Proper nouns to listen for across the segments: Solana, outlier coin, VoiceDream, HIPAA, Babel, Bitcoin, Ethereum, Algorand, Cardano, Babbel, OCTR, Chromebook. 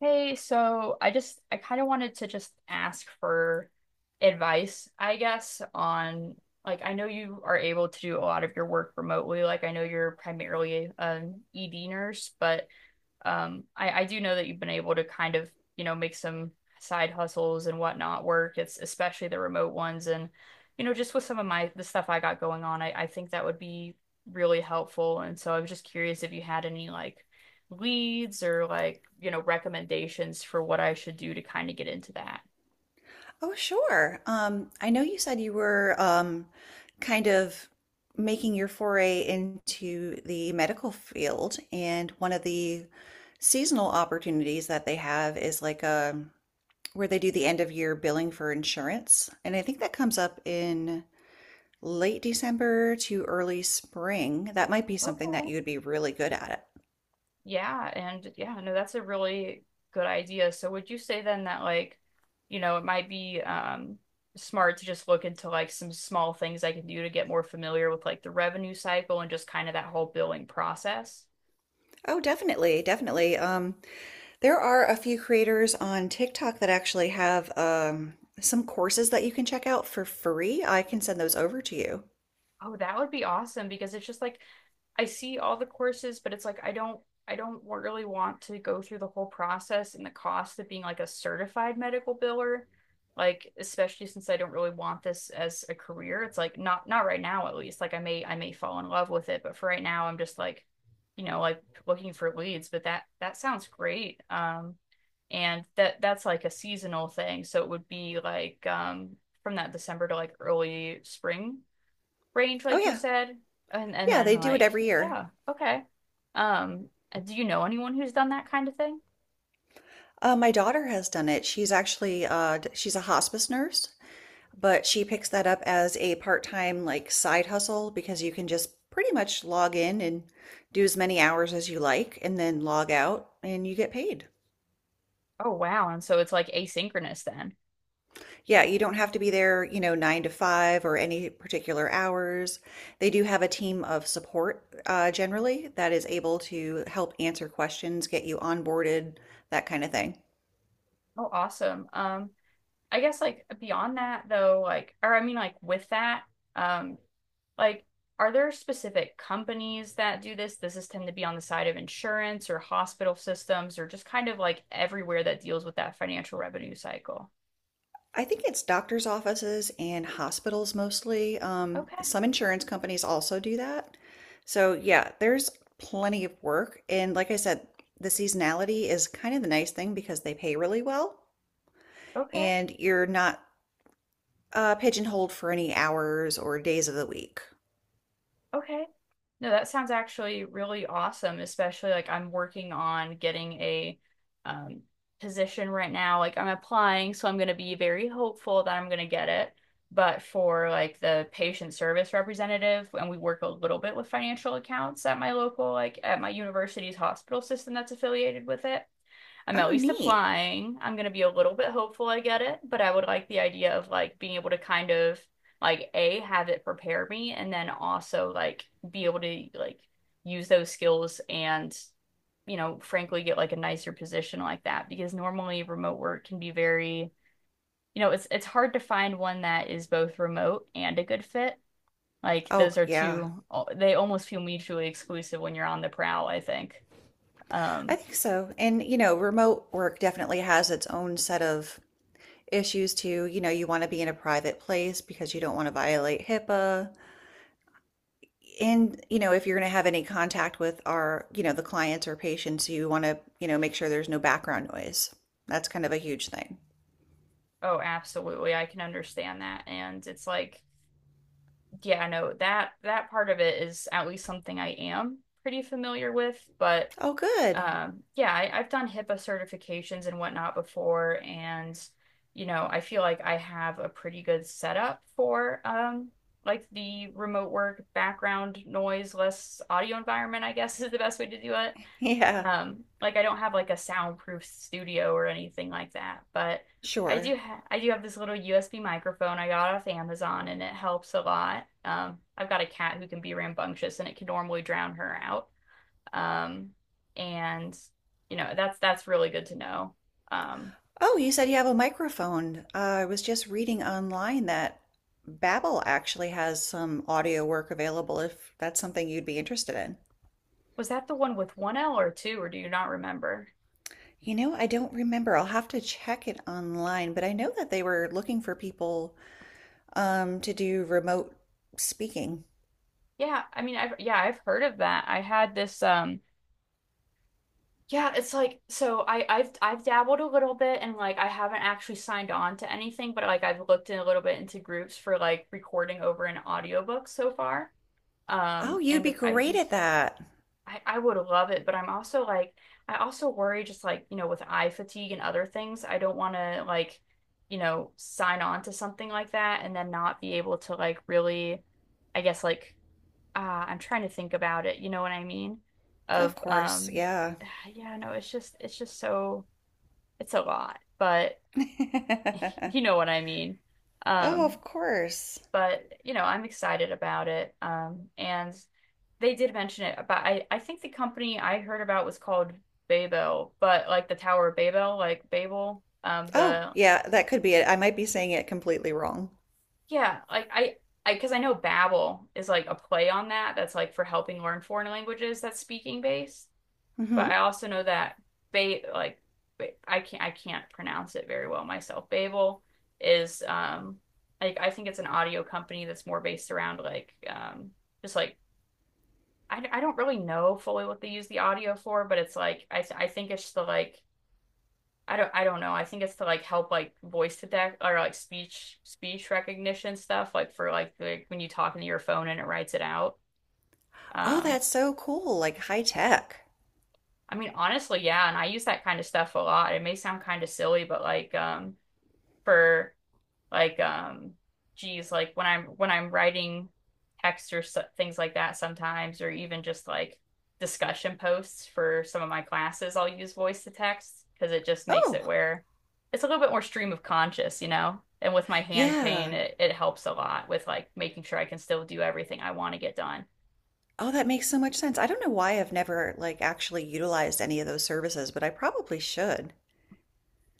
Hey, so I kind of wanted to just ask for advice, I guess, on. I know you are able to do a lot of your work remotely. Like I know you're primarily an ED nurse, but I do know that you've been able to make some side hustles and whatnot work. It's especially the remote ones. And, just with some of my the stuff I got going on, I think that would be really helpful. And so I was just curious if you had any leads or recommendations for what I should do to kind of get into that. Oh, sure. I know you said you were kind of making your foray into the medical field, and one of the seasonal opportunities that they have is like a where they do the end of year billing for insurance. And I think that comes up in late December to early spring. That might be something that Okay. you would be really good at. Yeah, and yeah, no, that's a really good idea. So would you say then that it might be smart to just look into like some small things I can do to get more familiar with like the revenue cycle and just kind of that whole billing process? Oh, definitely. There are a few creators on TikTok that actually have some courses that you can check out for free. I can send those over to you. Oh, that would be awesome because it's just like I see all the courses, but it's like I don't really want to go through the whole process and the cost of being like a certified medical biller. Like especially since I don't really want this as a career. It's like not not right now at least. Like I may fall in love with it, but for right now I'm just like, you know, like looking for leads, but that sounds great. And that's like a seasonal thing. So it would be like from that December to like early spring range, Oh like you yeah, said, and and yeah, then they do it like, every year. yeah, okay. Um, do you know anyone who's done that kind of thing? My daughter has done it. She's actually she's a hospice nurse, but she picks that up as a part-time like side hustle because you can just pretty much log in and do as many hours as you like, and then log out, and you get paid. Oh wow, and so it's like asynchronous then. Yeah, you don't have to be there, you know, nine to five or any particular hours. They do have a team of support generally that is able to help answer questions, get you onboarded, that kind of thing. Oh, awesome. I guess like beyond that though, or with that, um, like are there specific companies that do this? Does this tend to be on the side of insurance or hospital systems or just kind of like everywhere that deals with that financial revenue cycle? I think it's doctor's offices and hospitals mostly. Okay, Some insurance companies also do that. So, yeah, there's plenty of work. And like I said, the seasonality is kind of the nice thing because they pay really well okay, and you're not pigeonholed for any hours or days of the week. okay. No, that sounds actually really awesome, especially like I'm working on getting a um, position right now. Like I'm applying, so I'm going to be very hopeful that I'm going to get it. But for like the patient service representative, and we work a little bit with financial accounts at my local, like at my university's hospital system that's affiliated with it. I'm at Oh, least neat. applying. I'm going to be a little bit hopeful I get it, but I would like the idea of like being able to kind of like A, have it prepare me and then also like be able to like use those skills and frankly get like a nicer position like that because normally remote work can be very, it's hard to find one that is both remote and a good fit. Like those Oh, are yeah. two they almost feel mutually exclusive when you're on the prowl, I think. I Um think so. And, you know, remote work definitely has its own set of issues too. You know, you want to be in a private place because you don't want to violate HIPAA. And, you know, if you're going to have any contact with our, you know, the clients or patients, you want to, you know, make sure there's no background noise. That's kind of a huge thing. oh, absolutely. I can understand that. And it's like, yeah, no, that part of it is at least something I am pretty familiar with. But Oh, good. Yeah, I've done HIPAA certifications and whatnot before, and I feel like I have a pretty good setup for like the remote work background noise less audio environment, I guess is the best way to do it. Yeah, Like I don't have like a soundproof studio or anything like that, but I sure. do ha I do have this little USB microphone I got off Amazon and it helps a lot. I've got a cat who can be rambunctious and it can normally drown her out. Um, and that's really good to know. Um, Oh, you said you have a microphone. I was just reading online that Babbel actually has some audio work available if that's something you'd be interested in. was that the one with one L or two, or do you not remember? You know, I don't remember. I'll have to check it online, but I know that they were looking for people to do remote speaking. Yeah, I mean, I've yeah, I've heard of that. I had this Yeah, it's like so I've dabbled a little bit and like I haven't actually signed on to anything, but like I've looked in a little bit into groups for like recording over an audiobook so far. Oh, you'd And be I great at that. I would love it, but I'm also like I also worry just like, with eye fatigue and other things, I don't want to like, sign on to something like that and then not be able to like really I guess like I'm trying to think about it, you know what I mean? Of Of course, yeah. yeah, no, it's just so it's a lot, but you know what I mean. Oh, Um, of course. but you know, I'm excited about it. And they did mention it, but I think the company I heard about was called Babel, but like the Tower of Babel, like Babel, Oh, the yeah, that could be it. I might be saying it completely wrong. yeah, like I because I know Babel is like a play on that that's like for helping learn foreign languages that's speaking based. But Hmm. I also know that ba like I can't pronounce it very well myself. Babel is like I think it's an audio company that's more based around like just like I don't really know fully what they use the audio for, but it's like I think it's the like I don't know. I think it's to like help like voice to deck or like speech recognition stuff like for like, like when you talk into your phone and it writes it out. Oh, Um that's so cool, like high tech. I mean, honestly, yeah, and I use that kind of stuff a lot. It may sound kind of silly, but like for like geez, like when I'm writing text or so, things like that sometimes or even just like discussion posts for some of my classes, I'll use voice to text because it just makes it Oh, where it's a little bit more stream of conscious, you know? And with my hand yeah. pain, it helps a lot with like making sure I can still do everything I want to get done. Oh, that makes so much sense. I don't know why I've never like actually utilized any of those services, but I probably should.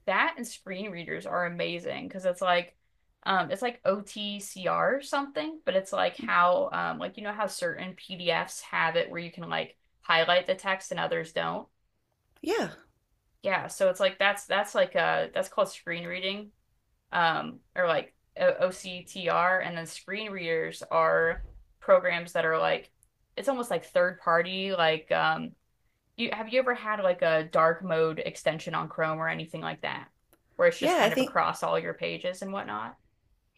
That and screen readers are amazing because it's like OTCR or something, but it's like how like you know how certain PDFs have it where you can like highlight the text and others don't. Yeah. Yeah, so it's like that's like that's called screen reading or like OCTR and then screen readers are programs that are like it's almost like third party like you have you ever had like a dark mode extension on Chrome or anything like that, where it's just Yeah, I kind of think across all your pages and whatnot?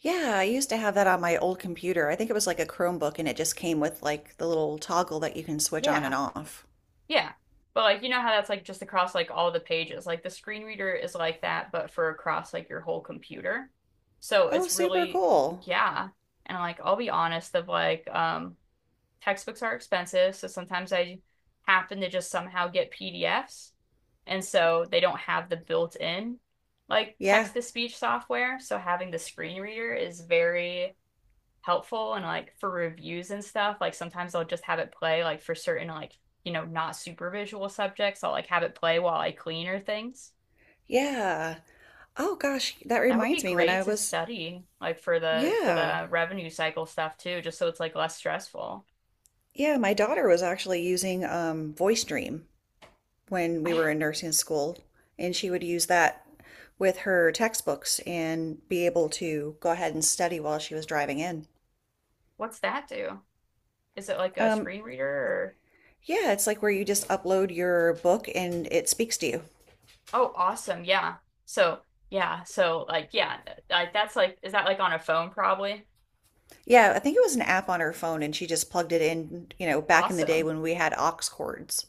yeah, I used to have that on my old computer. I think it was like a Chromebook and it just came with like the little toggle that you can switch on Yeah, and off. yeah. But like you know how that's like just across like all the pages. Like the screen reader is like that, but for across like your whole computer. So Oh, it's super really cool. yeah. And like I'll be honest, of like textbooks are expensive, so sometimes I happen to just somehow get PDFs, and so they don't have the built-in like Yeah. text to speech software. So having the screen reader is very helpful and like for reviews and stuff. Like sometimes I'll just have it play like for certain like, not super visual subjects. I'll like have it play while I clean or things. Yeah. Oh gosh, that That would reminds be me when I great to was study like for yeah. the revenue cycle stuff too, just so it's like less stressful. Yeah, my daughter was actually using VoiceDream when we I, were in nursing school, and she would use that with her textbooks and be able to go ahead and study while she was driving in. what's that do? Is it like a Um, screen reader or yeah, it's like where you just upload your book and it speaks to you. oh awesome yeah so yeah so yeah like that's like is that like on a phone probably Yeah, I think it was an app on her phone and she just plugged it in, you know, back in the day awesome when we had aux cords.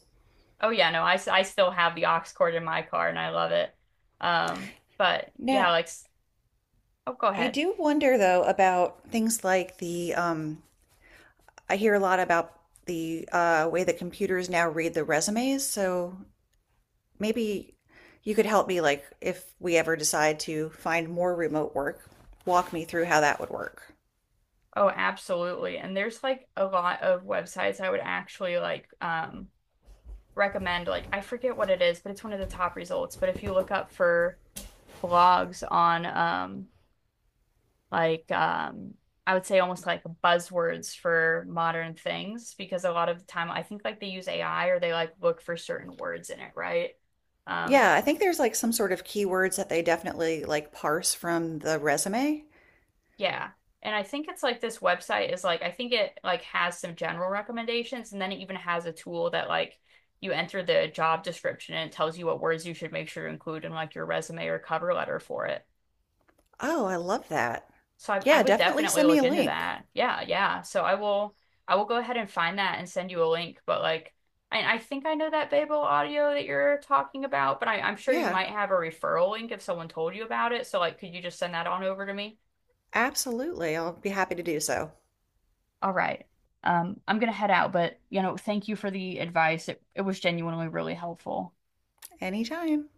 oh yeah no I still have the aux cord in my car and I love it um but yeah Now, like oh go I ahead do wonder though about things like the I hear a lot about the way that computers now read the resumes. So maybe you could help me, like, if we ever decide to find more remote work, walk me through how that would work. oh absolutely and there's like a lot of websites I would actually like recommend like I forget what it is but it's one of the top results but if you look up for blogs on like um I would say almost like buzzwords for modern things because a lot of the time I think like they use AI or they like look for certain words in it, right? Um Yeah, I think there's like some sort of keywords that they definitely like parse from the resume. yeah. And I think it's like this website is like I think it like has some general recommendations and then it even has a tool that like you enter the job description and it tells you what words you should make sure to include in like your resume or cover letter for it. Oh, I love that. So I Yeah, would definitely definitely send me look a into link. that. Yeah, yeah. So I will go ahead and find that and send you a link. But like I think I know that Babel audio that you're talking about, but I'm sure you Yeah, might have a referral link if someone told you about it. So like could you just send that on over to me? absolutely. I'll be happy to do so All right. I'm gonna head out, but you know, thank you for the advice. It was genuinely really helpful. anytime.